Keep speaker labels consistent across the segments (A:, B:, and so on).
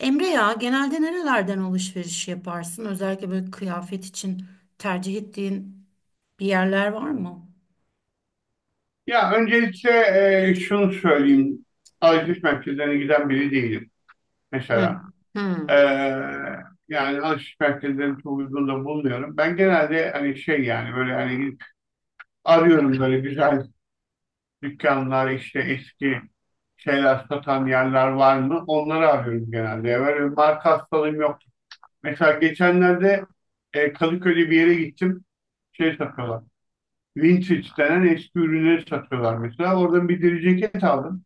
A: Emre ya genelde nerelerden alışveriş yaparsın? Özellikle böyle kıyafet için tercih ettiğin bir yerler var mı?
B: Ya öncelikle şunu söyleyeyim. Alışveriş merkezlerine giden biri değilim
A: Hı,
B: mesela. E,
A: hı,
B: yani alışveriş merkezlerinin çok uygun da bulmuyorum. Ben genelde hani şey yani böyle hani gidip arıyorum böyle güzel dükkanlar işte eski şeyler satan yerler var mı? Onları arıyorum genelde. Böyle bir marka hastalığım yok. Mesela geçenlerde Kadıköy'de bir yere gittim. Şey satıyorlar. Vintage denen eski ürünleri satıyorlar mesela. Oradan bir deri ceket aldım.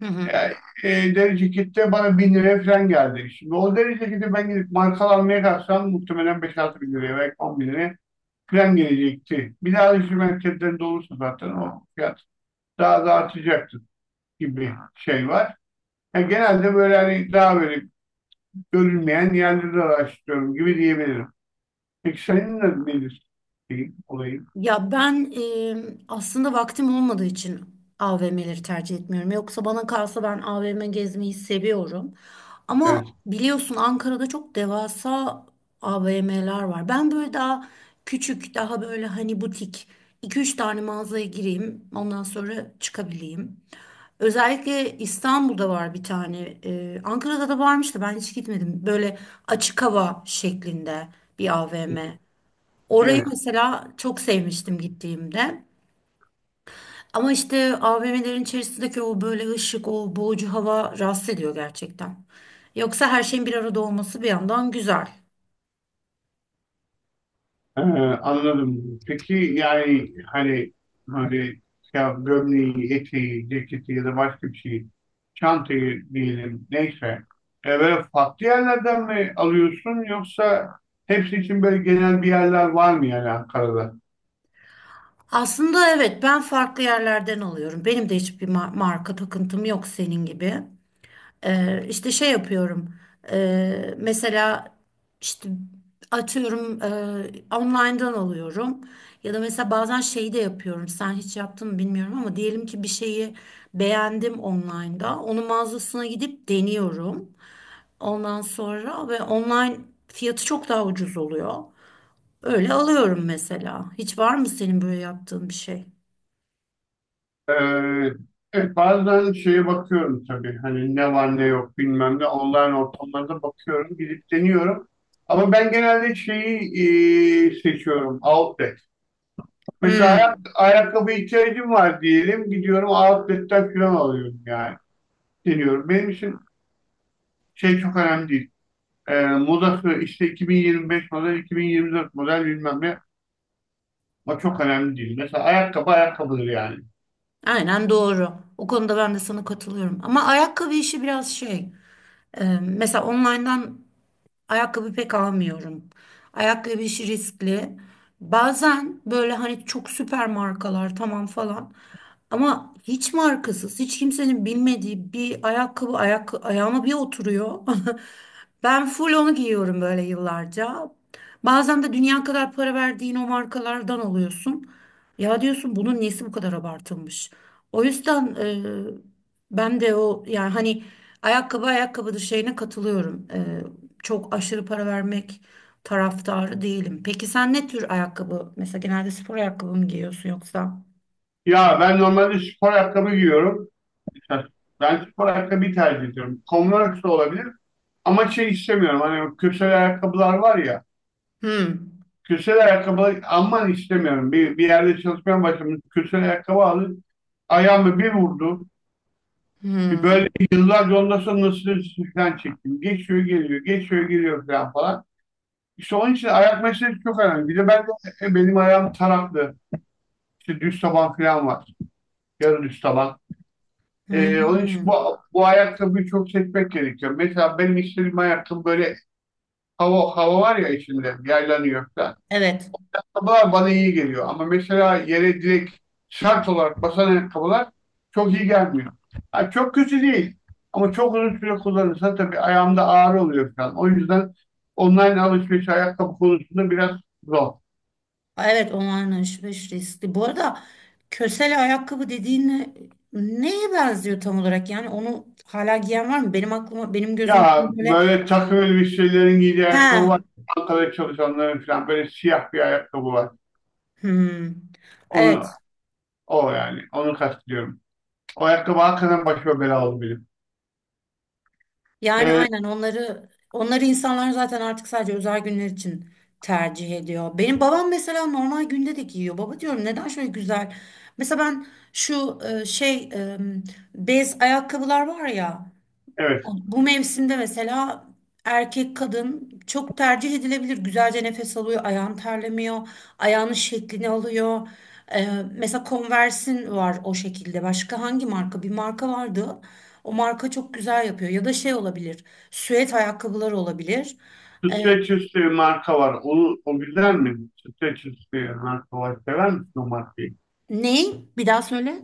A: hı, hı.
B: Yani, deri cekette bana 1000 liraya falan geldi. Şimdi o deri ceketi ben gidip markalı almaya kalksam muhtemelen beş altı bin liraya belki 10 bin liraya falan gelecekti. Bir daha alışveriş merkezlerinde olursa zaten o fiyat daha da artacaktı gibi şey var. Yani genelde böyle hani daha böyle görülmeyen yerleri araştırıyorum gibi diyebilirim. Peki senin de nedir şeyin, olayın?
A: Ya ben aslında vaktim olmadığı için AVM'leri tercih etmiyorum. Yoksa bana kalsa ben AVM gezmeyi seviyorum. Ama
B: Evet.
A: biliyorsun Ankara'da çok devasa AVM'ler var. Ben böyle daha küçük, daha böyle hani butik iki üç tane mağazaya gireyim, ondan sonra çıkabileyim. Özellikle İstanbul'da var bir tane. Ankara'da da varmış da ben hiç gitmedim. Böyle açık hava şeklinde bir AVM. Orayı
B: Evet.
A: mesela çok sevmiştim gittiğimde. Ama işte AVM'lerin içerisindeki o böyle ışık, o boğucu hava rahatsız ediyor gerçekten. Yoksa her şeyin bir arada olması bir yandan güzel.
B: Ee, anladım. Peki yani hani ya gömleği, eteği, ceketi ya da başka bir şeyi, çantayı diyelim neyse. Böyle farklı yerlerden mi alıyorsun yoksa hepsi için böyle genel bir yerler var mı yani Ankara'da?
A: Aslında evet ben farklı yerlerden alıyorum. Benim de hiçbir marka takıntım yok senin gibi. İşte şey yapıyorum. Mesela işte atıyorum online'dan alıyorum. Ya da mesela bazen şeyi de yapıyorum. Sen hiç yaptın mı bilmiyorum ama diyelim ki bir şeyi beğendim online'da. Onun mağazasına gidip deniyorum. Ondan sonra ve online fiyatı çok daha ucuz oluyor. Öyle alıyorum mesela. Hiç var mı senin böyle yaptığın bir şey?
B: Ee, evet, bazen şeye bakıyorum tabii hani ne var ne yok bilmem ne online ortamlarda bakıyorum gidip deniyorum. Ama ben genelde şeyi seçiyorum outlet. Mesela
A: Hmm,
B: ayakkabı ihtiyacım var diyelim. Gidiyorum outlet'ten falan alıyorum yani. Deniyorum. Benim için şey çok önemli değil. Modası işte 2025 model, 2024 model bilmem ne. O çok önemli değil. Mesela ayakkabı ayakkabıdır yani.
A: aynen doğru. O konuda ben de sana katılıyorum. Ama ayakkabı işi biraz şey. Mesela online'dan ayakkabı pek almıyorum. Ayakkabı işi riskli. Bazen böyle hani çok süper markalar tamam falan. Ama hiç markasız, hiç kimsenin bilmediği bir ayakkabı ayağıma bir oturuyor. Ben full onu giyiyorum böyle yıllarca. Bazen de dünya kadar para verdiğin o markalardan alıyorsun. Ya diyorsun bunun nesi bu kadar abartılmış? O yüzden ben de o yani hani ayakkabı ayakkabıdır şeyine katılıyorum, çok aşırı para vermek taraftarı değilim. Peki sen ne tür ayakkabı? Mesela genelde spor ayakkabı mı giyiyorsun yoksa?
B: Ya ben normalde spor ayakkabı giyiyorum. Mesela ben spor ayakkabıyı tercih ediyorum. Converse de olabilir. Ama şey istemiyorum. Hani kürsel ayakkabılar var ya.
A: Hmm.
B: Kürsel ayakkabı aman istemiyorum. Bir yerde çalışmaya başladım. Kürsel ayakkabı aldım. Ayağımı bir vurdu. Bir
A: Hmm.
B: böyle yıllarca ondan sonra nasıl falan çektim. Geçiyor geliyor, geçiyor geliyor falan falan. İşte onun için ayak meselesi çok önemli. Bir de ben de benim ayağım taraklı. İşte düz taban falan var. Yarı düz taban. Onun için
A: Hmm.
B: bu ayakkabıyı çok seçmek gerekiyor. Mesela benim istediğim ayakkabı böyle hava var ya içinde yaylanıyor falan.
A: Evet.
B: Ayakkabılar bana iyi geliyor ama mesela yere direkt şart olarak basan ayakkabılar çok iyi gelmiyor. Ha, çok kötü değil ama çok uzun süre kullanırsa tabii ayağımda ağrı oluyor falan. O yüzden online alışveriş ayakkabı konusunda biraz zor.
A: Evet, online alışveriş riskli. Bu arada kösele ayakkabı dediğin neye benziyor tam olarak? Yani onu hala giyen var mı? Benim aklıma benim gözümde
B: Ya
A: böyle
B: böyle takım elbiselerin giydiği ayakkabı
A: he.
B: var. Ankara'da çalışanların falan böyle siyah bir ayakkabı var.
A: Hmm.
B: Onu
A: Evet.
B: onu kastediyorum. O ayakkabı hakikaten başıma bela oldu benim.
A: Yani
B: Ee,
A: aynen onları onları insanlar zaten artık sadece özel günler için tercih ediyor. Benim babam mesela normal günde de giyiyor. Baba diyorum neden şöyle güzel? Mesela ben şu şey bez ayakkabılar var ya,
B: evet.
A: bu mevsimde mesela erkek kadın çok tercih edilebilir. Güzelce nefes alıyor, ayağın terlemiyor, ayağının şeklini alıyor. Ee, mesela Converse'in var o şekilde. Başka hangi marka? Bir marka vardı. O marka çok güzel yapıyor. Ya da şey olabilir, süet ayakkabılar olabilir. Ee,
B: Streç üstü bir marka var. O güzel mi? Streç üstü marka var. Sever misin o markayı?
A: ne? Bir daha söyle.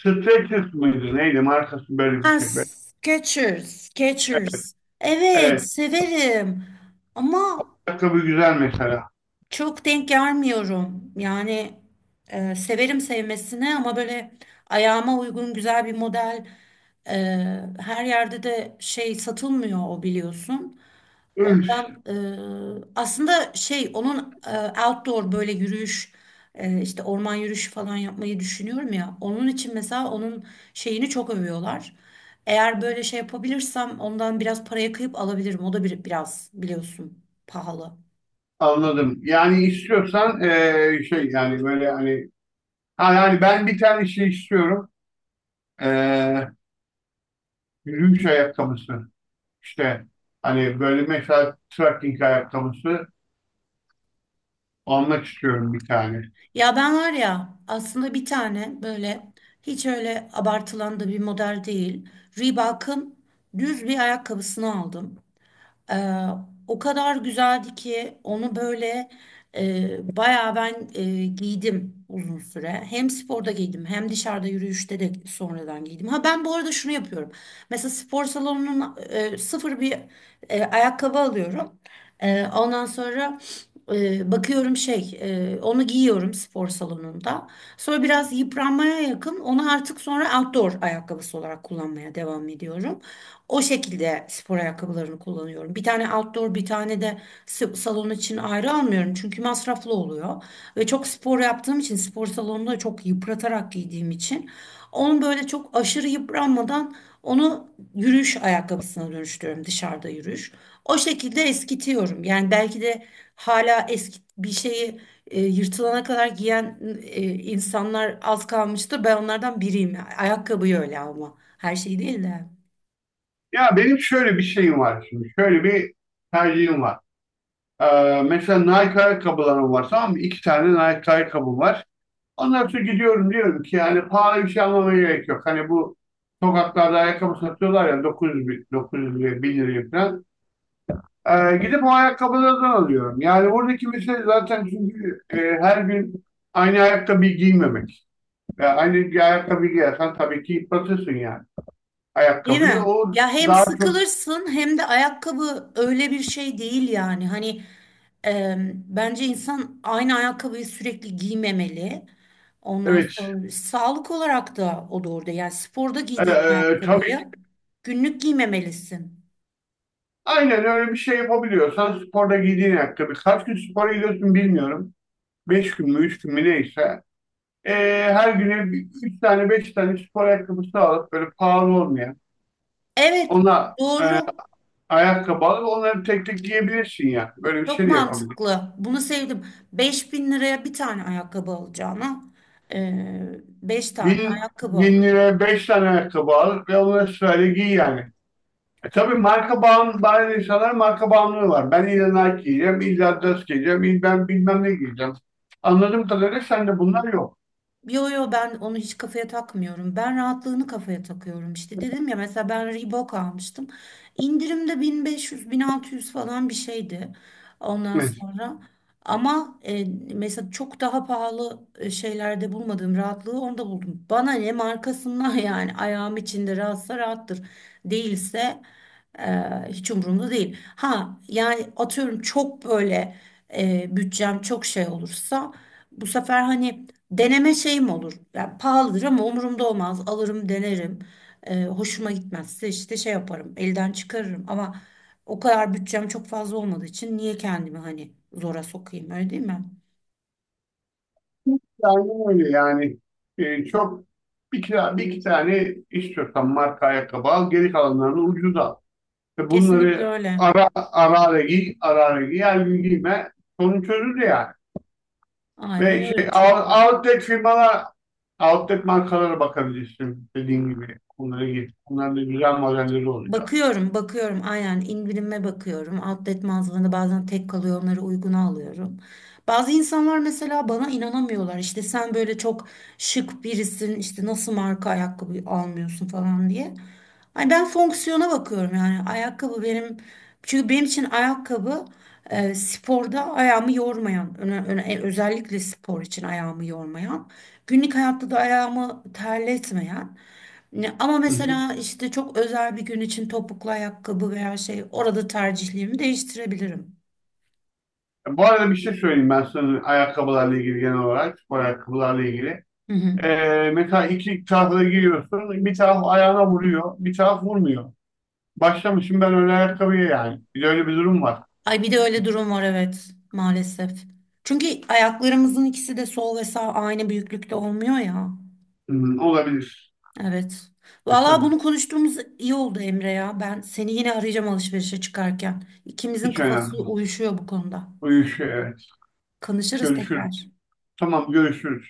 B: Streç üstü müydü? Neydi? Markası böyle bir
A: Ha,
B: şey.
A: Skechers, Skechers. Evet,
B: Evet.
A: severim. Ama
B: Ayakkabı güzel mesela.
A: çok denk gelmiyorum. Yani severim sevmesine ama böyle ayağıma uygun güzel bir model e, her yerde de şey satılmıyor o biliyorsun.
B: Üf,
A: Ondan aslında şey onun outdoor böyle yürüyüş işte orman yürüyüşü falan yapmayı düşünüyorum ya. Onun için mesela onun şeyini çok övüyorlar. Eğer böyle şey yapabilirsem ondan biraz paraya kıyıp alabilirim. O da biraz biliyorsun pahalı.
B: anladım. Yani istiyorsan şey yani böyle hani ha, yani ben bir tane şey istiyorum. Eee yürüyüş ayakkabısı. İşte hani böyle mesela trekking ayakkabısı almak istiyorum bir tane.
A: Ya ben var ya aslında bir tane böyle hiç öyle abartılan da bir model değil. Reebok'un düz bir ayakkabısını aldım. Ee, o kadar güzeldi ki onu böyle bayağı ben giydim uzun süre. Hem sporda giydim hem dışarıda yürüyüşte de sonradan giydim. Ha ben bu arada şunu yapıyorum. Mesela spor salonunun sıfır bir ayakkabı alıyorum. Ondan sonra bakıyorum şey onu giyiyorum spor salonunda. Sonra biraz yıpranmaya yakın onu artık sonra outdoor ayakkabısı olarak kullanmaya devam ediyorum. O şekilde spor ayakkabılarını kullanıyorum. Bir tane outdoor, bir tane de salon için ayrı almıyorum. Çünkü masraflı oluyor. Ve çok spor yaptığım için, spor salonunda çok yıpratarak giydiğim için onu böyle çok aşırı yıpranmadan onu yürüyüş ayakkabısına dönüştürüyorum dışarıda yürüyüş. O şekilde eskitiyorum. Yani belki de hala eski bir şeyi yırtılana kadar giyen insanlar az kalmıştır. Ben onlardan biriyim. Ayakkabıyı öyle ama her şey değil de.
B: Ya benim şöyle bir şeyim var şimdi. Şöyle bir tercihim var. Mesela Nike ayakkabılarım var tamam mı? İki tane Nike ayakkabım var. Ondan sonra gidiyorum diyorum ki yani pahalı bir şey almama gerek yok. Hani bu sokaklarda ayakkabı satıyorlar ya 900 bin, 900 liraya, 1000 liraya falan. Gidip o ayakkabılardan alıyorum. Yani buradaki mesele zaten çünkü her gün aynı ayakkabıyı giymemek. Yani aynı bir ayakkabı giyersen tabii ki yıpratırsın yani
A: Değil
B: ayakkabıyı.
A: mi?
B: O
A: Ya hem
B: daha çok
A: sıkılırsın hem de ayakkabı öyle bir şey değil yani. Hani bence insan aynı ayakkabıyı sürekli giymemeli. Ondan
B: evet.
A: sonra sağlık olarak da o doğru değil. Yani sporda giydiğin
B: Tabii.
A: ayakkabıyı günlük giymemelisin.
B: Aynen öyle bir şey yapabiliyorsan sporda giydiğin ayakkabı. Kaç gün spora gidiyorsun bilmiyorum. 5 gün mü, 3 gün mü neyse. Ee, her güne üç tane, beş tane spor ayakkabısı alıp böyle pahalı olmayan
A: Evet,
B: ona
A: doğru.
B: ayakkabı alıp onları tek tek giyebilirsin ya. Böyle bir
A: Çok
B: şey de yapabilirsin.
A: mantıklı. Bunu sevdim. Beş bin liraya bir tane ayakkabı alacağına 5 tane
B: Bin,
A: ayakkabı
B: bin
A: alır.
B: liraya beş tane ayakkabı al ve onları sırayla giy yani. Tabii, marka bağımlı, bazı insanlar marka bağımlılığı var. Ben illa Nike giyeceğim, illa Adidas giyeceğim, illa ben bilmem ne giyeceğim. Anladığım kadarıyla sende bunlar yok.
A: Yo yo ben onu hiç kafaya takmıyorum. Ben rahatlığını kafaya takıyorum. İşte dedim ya mesela ben Reebok almıştım. İndirimde bin, bin beş yüz, bin altı yüz falan bir şeydi. Ondan
B: Evet.
A: sonra ama mesela çok daha pahalı şeylerde bulmadığım rahatlığı onda buldum. Bana ne markasından yani ayağım içinde rahatsa rahattır. Değilse e, hiç umurumda değil. Ha yani atıyorum çok böyle bütçem çok şey olursa bu sefer hani deneme şeyim olur. Yani pahalıdır ama umurumda olmaz. Alırım, denerim. Hoşuma gitmezse işte şey yaparım. Elden çıkarırım ama o kadar bütçem çok fazla olmadığı için niye kendimi hani zora sokayım öyle değil mi?
B: Aynen öyle yani. Çok bir, kira, bir iki tane istiyorsan marka ayakkabı al, geri kalanlarını ucuz al. Ve
A: Kesinlikle
B: bunları
A: öyle.
B: ara ara ara giy, ara ara giy, her gün giyme. Sorun çözülür yani.
A: Aynen
B: Ve
A: öyle
B: şey
A: çok.
B: outlet firmalar, outlet markalara bakabilirsin dediğim gibi. Onlara git. Bunların da güzel modelleri oluyor.
A: Bakıyorum, bakıyorum. Aynen indirime bakıyorum. Outlet mağazalarında bazen tek kalıyor, onları uyguna alıyorum. Bazı insanlar mesela bana inanamıyorlar. İşte sen böyle çok şık birisin, işte nasıl marka ayakkabı almıyorsun falan diye. Ay ben fonksiyona bakıyorum yani ayakkabı benim çünkü benim için ayakkabı sporda ayağımı yormayan, özellikle spor için ayağımı yormayan, günlük hayatta da ayağımı terletmeyen. Ama
B: Hı hı.
A: mesela işte çok özel bir gün için topuklu ayakkabı veya şey orada tercihlerimi değiştirebilirim.
B: Bu arada bir şey söyleyeyim ben sana ayakkabılarla ilgili genel olarak, spor ayakkabılarla ilgili.
A: Hı hı.
B: Mesela iki tarafı da giriyorsun. Bir taraf ayağına vuruyor, bir taraf vurmuyor. Başlamışım ben öyle ayakkabıya yani. Bir de öyle bir durum var.
A: Ay bir de öyle durum var evet maalesef. Çünkü ayaklarımızın ikisi de sol ve sağ aynı büyüklükte olmuyor ya.
B: Hmm, olabilir.
A: Evet.
B: E,
A: Vallahi
B: tabii.
A: bunu konuştuğumuz iyi oldu Emre ya. Ben seni yine arayacağım alışverişe çıkarken. İkimizin
B: Hiç
A: kafası
B: önemli değil.
A: uyuşuyor bu konuda.
B: Uyuşuyor evet.
A: Konuşuruz
B: Görüşürüz.
A: tekrar.
B: Tamam görüşürüz.